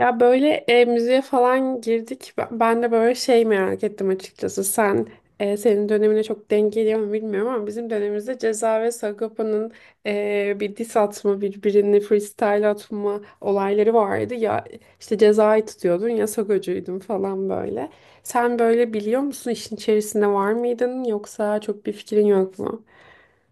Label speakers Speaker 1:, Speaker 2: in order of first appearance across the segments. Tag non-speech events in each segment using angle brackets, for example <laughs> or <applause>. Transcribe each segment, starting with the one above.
Speaker 1: Ya böyle müziğe falan girdik. Ben de böyle şey merak ettim açıkçası. Senin dönemine çok denk geliyor mu bilmiyorum, ama bizim dönemimizde Ceza ve Sagopa'nın bir diss atma, birbirini freestyle atma olayları vardı. Ya işte Ceza'yı tutuyordun, ya Sagocuydun falan, böyle. Sen böyle biliyor musun, işin içerisinde var mıydın yoksa çok bir fikrin yok mu?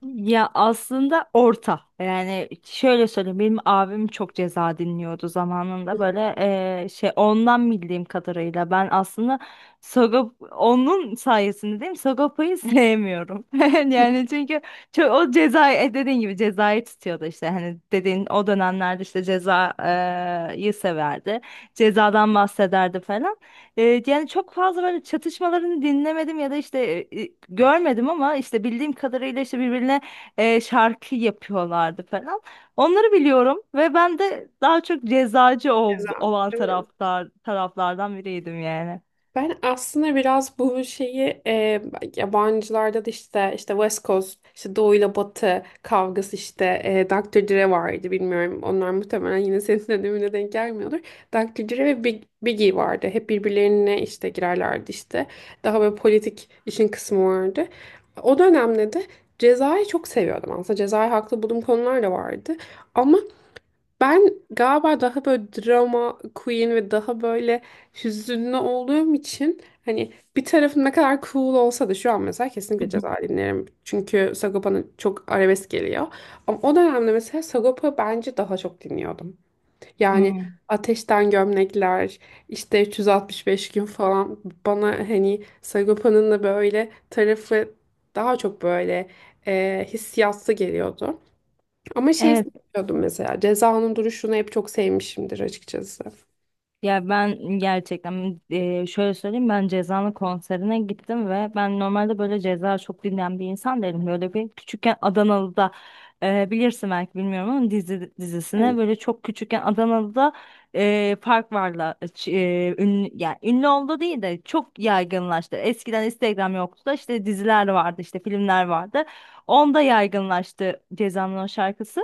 Speaker 2: Ya aslında orta. Yani şöyle söyleyeyim, benim abim çok ceza dinliyordu zamanında, böyle şey, ondan bildiğim kadarıyla ben aslında Sagop onun sayesinde değil mi? Sagopa'yı sevmiyorum. <laughs> Yani çünkü çok o cezayı, dediğin gibi cezayı tutuyordu işte, hani dediğin o dönemlerde işte cezayı severdi. Cezadan bahsederdi falan. Yani çok fazla böyle çatışmalarını dinlemedim ya da işte görmedim, ama işte bildiğim kadarıyla işte birbirine şarkı yapıyorlardı falan. Onları biliyorum ve ben de daha çok cezacı
Speaker 1: Ceza,
Speaker 2: olan
Speaker 1: değil mi?
Speaker 2: taraflardan biriydim yani.
Speaker 1: Ben aslında biraz bu şeyi yabancılarda da işte West Coast, işte Doğu ile Batı kavgası işte, Dr. Dre vardı, bilmiyorum. Onlar muhtemelen yine senin dönemine denk gelmiyordur. Dr. Dre ve Biggie vardı. Hep birbirlerine işte girerlerdi işte. Daha böyle politik işin kısmı vardı. O dönemde de Ceza'yı çok seviyordum aslında. Ceza'yı haklı bulduğum konular da vardı. Ama ben galiba daha böyle drama queen ve daha böyle hüzünlü olduğum için, hani bir tarafım ne kadar cool olsa da, şu an mesela kesinlikle ceza
Speaker 2: <laughs>
Speaker 1: dinlerim. Çünkü Sagopa'nın çok arabesk geliyor. Ama o dönemde mesela Sagopa bence daha çok dinliyordum. Yani
Speaker 2: Hmm.
Speaker 1: Ateşten Gömlekler, işte 365 gün falan, bana hani Sagopa'nın da böyle tarafı daha çok böyle hissiyatlı geliyordu. Ama şeyi
Speaker 2: Evet.
Speaker 1: seviyordum mesela. Ceza'nın duruşunu hep çok sevmişimdir açıkçası.
Speaker 2: Ya ben gerçekten şöyle söyleyeyim, ben Ceza'nın konserine gittim ve ben normalde böyle Ceza çok dinleyen bir insan değilim. Böyle bir küçükken Adanalı'da bilirsin belki, bilmiyorum ama dizi dizisine
Speaker 1: Hı.
Speaker 2: böyle çok küçükken Adanalı'da Park Var'la ünlü, yani ünlü oldu değil de çok yaygınlaştı. Eskiden Instagram yoktu da, işte diziler vardı, işte filmler vardı. Onda yaygınlaştı Ceza'nın o şarkısı.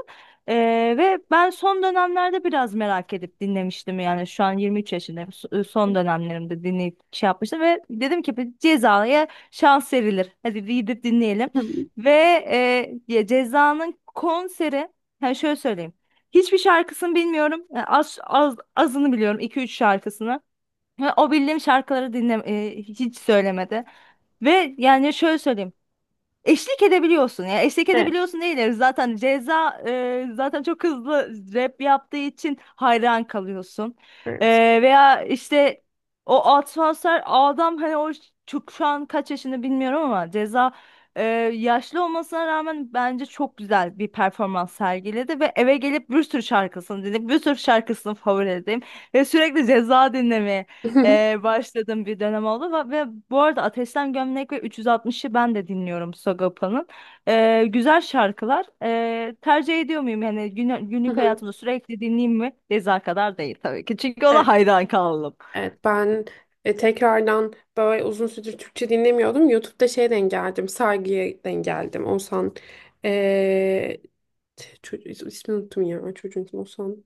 Speaker 2: Ee, Ve ben son dönemlerde biraz merak edip dinlemiştim. Yani şu an 23 yaşındayım, son dönemlerimde dinleyip şey yapmıştım ve dedim ki bir Ceza'ya şans verilir, hadi bir gidip dinleyelim.
Speaker 1: <laughs> Hı.
Speaker 2: Ve ya Ceza'nın konseri, yani şöyle söyleyeyim, hiçbir şarkısını bilmiyorum. Yani az, az azını biliyorum, iki üç şarkısını ve o bildiğim şarkıları hiç söylemedi. Ve yani şöyle söyleyeyim, eşlik edebiliyorsun ya. Eşlik
Speaker 1: Evet.
Speaker 2: edebiliyorsun değil. Zaten Ceza zaten çok hızlı rap yaptığı için hayran kalıyorsun. E,
Speaker 1: Evet.
Speaker 2: Veya işte o atmosfer adam, hani o çok, şu an kaç yaşında bilmiyorum ama Ceza, e, yaşlı olmasına rağmen bence çok güzel bir performans sergiledi ve eve gelip bir sürü şarkısını dinledim. Bir sürü şarkısını favori edeyim ve sürekli Ceza dinlemeye
Speaker 1: <laughs>
Speaker 2: başladığım bir dönem oldu. Ve bu arada Ateşten Gömlek ve 360'ı ben de dinliyorum Sagopa'nın. Güzel şarkılar. Tercih ediyor muyum? Yani
Speaker 1: Hı
Speaker 2: günlük
Speaker 1: hı.
Speaker 2: hayatımda sürekli dinleyeyim mi? Ceza kadar değil tabii ki. Çünkü ona
Speaker 1: Evet,
Speaker 2: hayran kaldım.
Speaker 1: evet. Ben tekrardan böyle uzun süredir Türkçe dinlemiyordum. YouTube'da şey denk geldim. Saygıya denk geldim. Oğuzhan, e, çocuk, ismini unuttum ya, çocuğun ismi Oğuzhan.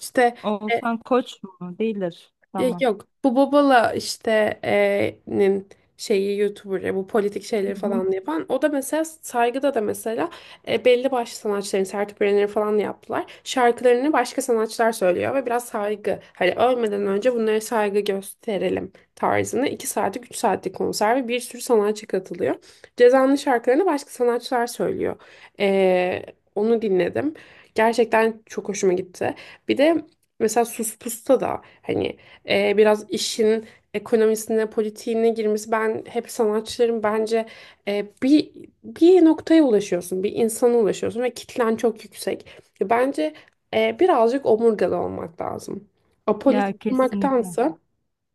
Speaker 1: İşte e,
Speaker 2: Oğuzhan Koç mu? Değildir.
Speaker 1: ya
Speaker 2: Tamam.
Speaker 1: yok, bu Bobala işte nin şeyi, YouTuber'ı, bu politik şeyleri
Speaker 2: Hı hı.
Speaker 1: falan yapan, o da mesela saygıda da mesela belli başlı sanatçıların sertüplerini falan yaptılar. Şarkılarını başka sanatçılar söylüyor ve biraz saygı, hani ölmeden önce bunlara saygı gösterelim tarzında, 2 saatlik 3 saatlik konser ve bir sürü sanatçı katılıyor. Ceza'nın şarkılarını başka sanatçılar söylüyor. E, onu dinledim. Gerçekten çok hoşuma gitti. Bir de mesela Sus Pus'ta da hani biraz işin ekonomisine, politiğine girmesi. Ben hep sanatçıların bence e, bir bir noktaya ulaşıyorsun, bir insana ulaşıyorsun ve kitlen çok yüksek. Bence birazcık omurgalı olmak lazım.
Speaker 2: Ya
Speaker 1: Apolitik, hı,
Speaker 2: kesinlikle.
Speaker 1: olmaktansa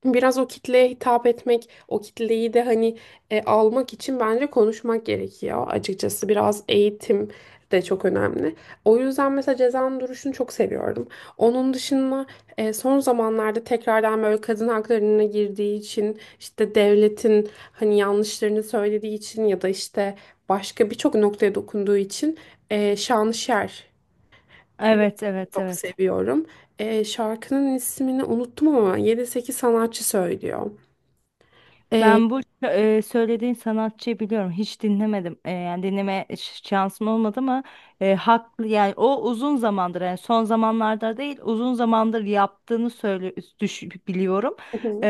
Speaker 1: biraz o kitleye hitap etmek, o kitleyi de hani almak için bence konuşmak gerekiyor. Açıkçası biraz eğitim de çok önemli. O yüzden mesela Ceza'nın duruşunu çok seviyorum. Onun dışında son zamanlarda tekrardan böyle kadın haklarına girdiği için, işte devletin hani yanlışlarını söylediği için, ya da işte başka birçok noktaya dokunduğu için Şanışer
Speaker 2: Evet, evet,
Speaker 1: çok
Speaker 2: evet.
Speaker 1: seviyorum. Şarkının ismini unuttum ama 7-8 sanatçı söylüyor. Ee,
Speaker 2: Ben bu söylediğin sanatçıyı biliyorum. Hiç dinlemedim. E, yani dinleme şansım olmadı, ama haklı yani, o uzun zamandır, yani son zamanlarda değil uzun zamandır yaptığını söyle, düş, biliyorum.
Speaker 1: Hı hı,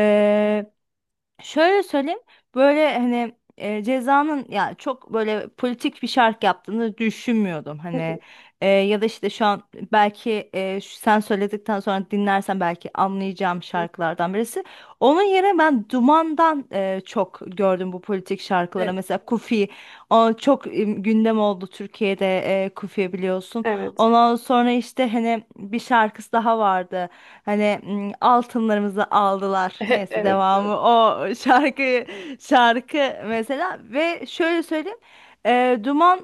Speaker 2: Şöyle söyleyeyim, böyle hani Ceza'nın ya çok böyle politik bir şarkı yaptığını düşünmüyordum
Speaker 1: hı
Speaker 2: hani.
Speaker 1: hı.
Speaker 2: Ya da işte şu an belki, sen söyledikten sonra dinlersen belki anlayacağım şarkılardan birisi. Onun yerine ben Duman'dan çok gördüm bu politik şarkılara,
Speaker 1: Evet.
Speaker 2: mesela Kufi, o çok gündem oldu Türkiye'de, Kufi biliyorsun.
Speaker 1: Evet.
Speaker 2: Ondan sonra işte hani bir şarkısı daha vardı. Hani altınlarımızı aldılar.
Speaker 1: <laughs> Evet.
Speaker 2: Neyse devamı
Speaker 1: Evet.
Speaker 2: o şarkı mesela. Ve şöyle söyleyeyim, Duman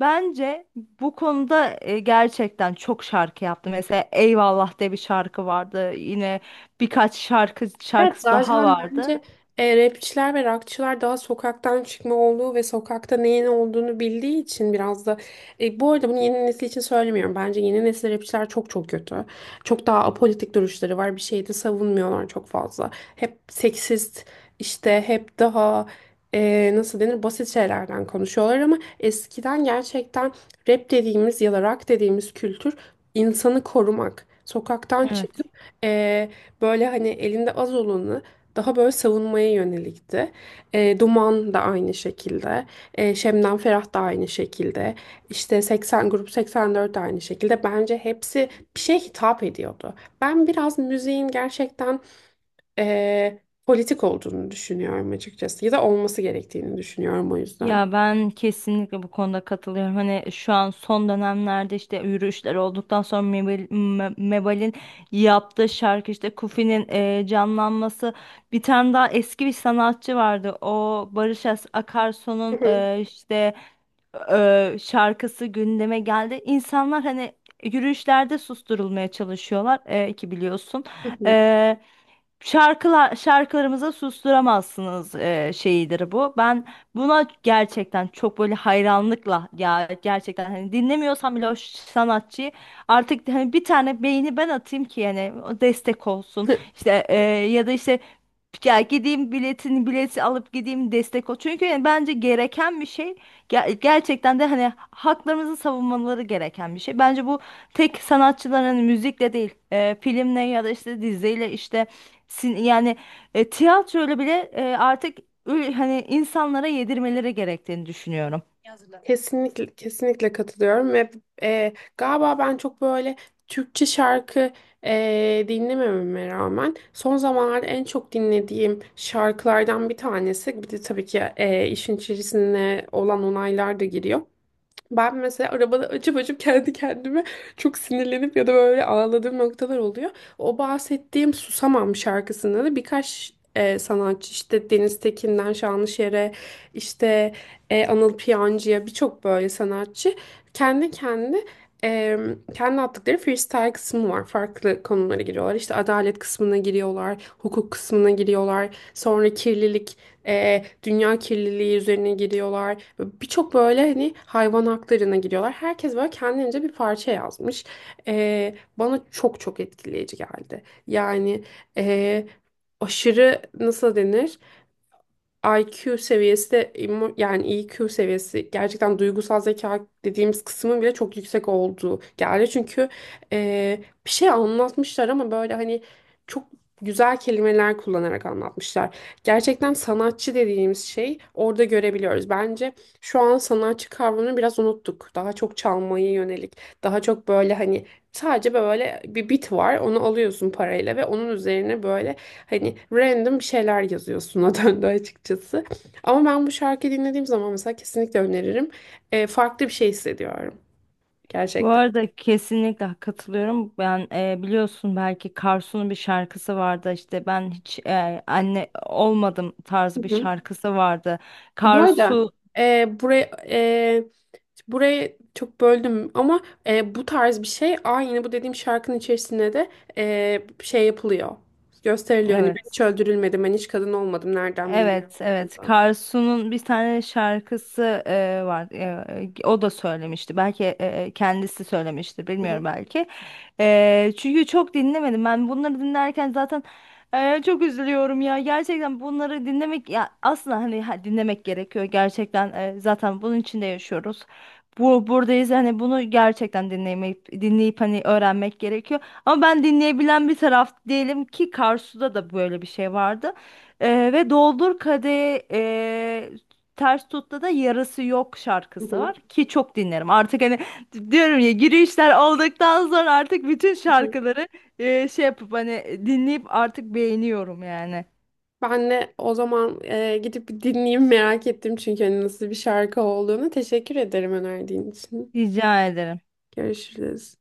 Speaker 2: bence bu konuda gerçekten çok şarkı yaptı. Mesela Eyvallah diye bir şarkı vardı. Yine birkaç
Speaker 1: Evet,
Speaker 2: şarkısı daha
Speaker 1: zaten
Speaker 2: vardı.
Speaker 1: bence rapçiler ve rockçılar daha sokaktan çıkma olduğu ve sokakta neyin olduğunu bildiği için, biraz da bu arada bunu yeni nesil için söylemiyorum. Bence yeni nesil rapçiler çok çok kötü. Çok daha apolitik duruşları var. Bir şeyi de savunmuyorlar çok fazla. Hep seksist, işte hep daha nasıl denir, basit şeylerden konuşuyorlar, ama eskiden gerçekten rap dediğimiz ya da rock dediğimiz kültür insanı korumak. Sokaktan
Speaker 2: Evet.
Speaker 1: çıkıp e, böyle hani elinde az olanı daha böyle savunmaya yönelikti. Duman da aynı şekilde. Şebnem Ferah da aynı şekilde. İşte 80 grup 84 de aynı şekilde. Bence hepsi bir şeye hitap ediyordu. Ben biraz müziğin gerçekten e, politik olduğunu düşünüyorum açıkçası. Ya da olması gerektiğini düşünüyorum, o yüzden.
Speaker 2: Ya ben kesinlikle bu konuda katılıyorum. Hani şu an son dönemlerde işte yürüyüşler olduktan sonra Mebal'in yaptığı şarkı, işte Kufi'nin canlanması. Bir tane daha eski bir sanatçı vardı. O Barış
Speaker 1: Hı
Speaker 2: Akarsu'nun
Speaker 1: hı,
Speaker 2: işte şarkısı gündeme geldi. İnsanlar hani yürüyüşlerde susturulmaya çalışıyorlar, ki biliyorsun.
Speaker 1: hı
Speaker 2: E, Şarkılar, şarkılarımıza susturamazsınız, şeyidir bu. Ben buna gerçekten çok böyle hayranlıkla, ya gerçekten hani dinlemiyorsam bile o sanatçıyı, artık hani bir tane beğeni ben atayım ki yani o destek olsun.
Speaker 1: hı. <laughs>
Speaker 2: İşte ya da işte ya gideyim, bileti alıp gideyim, destek ol. Çünkü yani bence gereken bir şey, gerçekten de hani haklarımızı savunmaları gereken bir şey. Bence bu tek sanatçıların hani müzikle değil, filmle ya da işte diziyle, işte yani tiyatroyla bile artık hani insanlara yedirmeleri gerektiğini düşünüyorum.
Speaker 1: De. Kesinlikle kesinlikle katılıyorum ve galiba ben çok böyle Türkçe şarkı dinlemememe rağmen, son zamanlarda en çok dinlediğim şarkılardan bir tanesi, bir de tabii ki işin içerisine olan onaylar da giriyor. Ben mesela arabada açıp açıp kendi kendime çok sinirlenip ya da böyle ağladığım noktalar oluyor. O bahsettiğim Susamam şarkısında da birkaç sanatçı, işte Deniz Tekin'den Şanlışer'e, işte Anıl Piyancı'ya, birçok böyle sanatçı kendi kendi e, kendi attıkları freestyle kısmı var. Farklı konulara giriyorlar. İşte adalet kısmına giriyorlar, hukuk kısmına giriyorlar. Sonra kirlilik, dünya kirliliği üzerine giriyorlar. Birçok böyle hani hayvan haklarına giriyorlar. Herkes böyle kendince bir parça yazmış. Bana çok çok etkileyici geldi. Yani e, aşırı, nasıl denir? IQ seviyesi de yani EQ seviyesi, gerçekten duygusal zeka dediğimiz kısmın bile çok yüksek olduğu geldi. Çünkü e, bir şey anlatmışlar ama böyle hani çok güzel kelimeler kullanarak anlatmışlar. Gerçekten sanatçı dediğimiz şey orada görebiliyoruz. Bence şu an sanatçı kavramını biraz unuttuk. Daha çok çalmaya yönelik, daha çok böyle hani sadece böyle bir bit var. Onu alıyorsun parayla ve onun üzerine böyle hani random bir şeyler yazıyorsun <laughs> o döndü açıkçası. Ama ben bu şarkıyı dinlediğim zaman mesela kesinlikle öneririm. Farklı bir şey hissediyorum
Speaker 2: Bu
Speaker 1: gerçekten.
Speaker 2: arada kesinlikle katılıyorum. Ben biliyorsun belki, Karsu'nun bir şarkısı vardı, işte ben hiç anne olmadım
Speaker 1: Hı
Speaker 2: tarzı bir
Speaker 1: hı.
Speaker 2: şarkısı vardı.
Speaker 1: Bu arada
Speaker 2: Karsu
Speaker 1: e, buraya e, burayı çok böldüm ama bu tarz bir şey, aynı bu dediğim şarkının içerisinde de şey yapılıyor. Gösteriliyor hani, ben hiç
Speaker 2: evet.
Speaker 1: öldürülmedim, ben hiç kadın olmadım, nereden bileyim.
Speaker 2: Evet, evet.
Speaker 1: Hı
Speaker 2: Karsu'nun bir tane şarkısı var. E, o da söylemişti. Belki kendisi söylemiştir,
Speaker 1: hı.
Speaker 2: bilmiyorum belki. E, çünkü çok dinlemedim. Ben bunları dinlerken zaten çok üzülüyorum ya. Gerçekten bunları dinlemek ya, aslında hani dinlemek gerekiyor. Gerçekten zaten bunun içinde yaşıyoruz. Bu buradayız, hani bunu gerçekten dinleyip dinleyip hani öğrenmek gerekiyor. Ama ben dinleyebilen bir taraf değilim ki. Karsu'da da böyle bir şey vardı. Ve doldur kadehi, ters tutta da yarısı yok şarkısı var
Speaker 1: Hı
Speaker 2: ki çok dinlerim. Artık hani diyorum ya, girişler olduktan sonra artık bütün
Speaker 1: hı.
Speaker 2: şarkıları şey yapıp hani dinleyip artık beğeniyorum yani.
Speaker 1: Ben de o zaman gidip bir dinleyeyim, merak ettim çünkü hani nasıl bir şarkı olduğunu. Teşekkür ederim önerdiğin için.
Speaker 2: Rica ederim.
Speaker 1: Görüşürüz.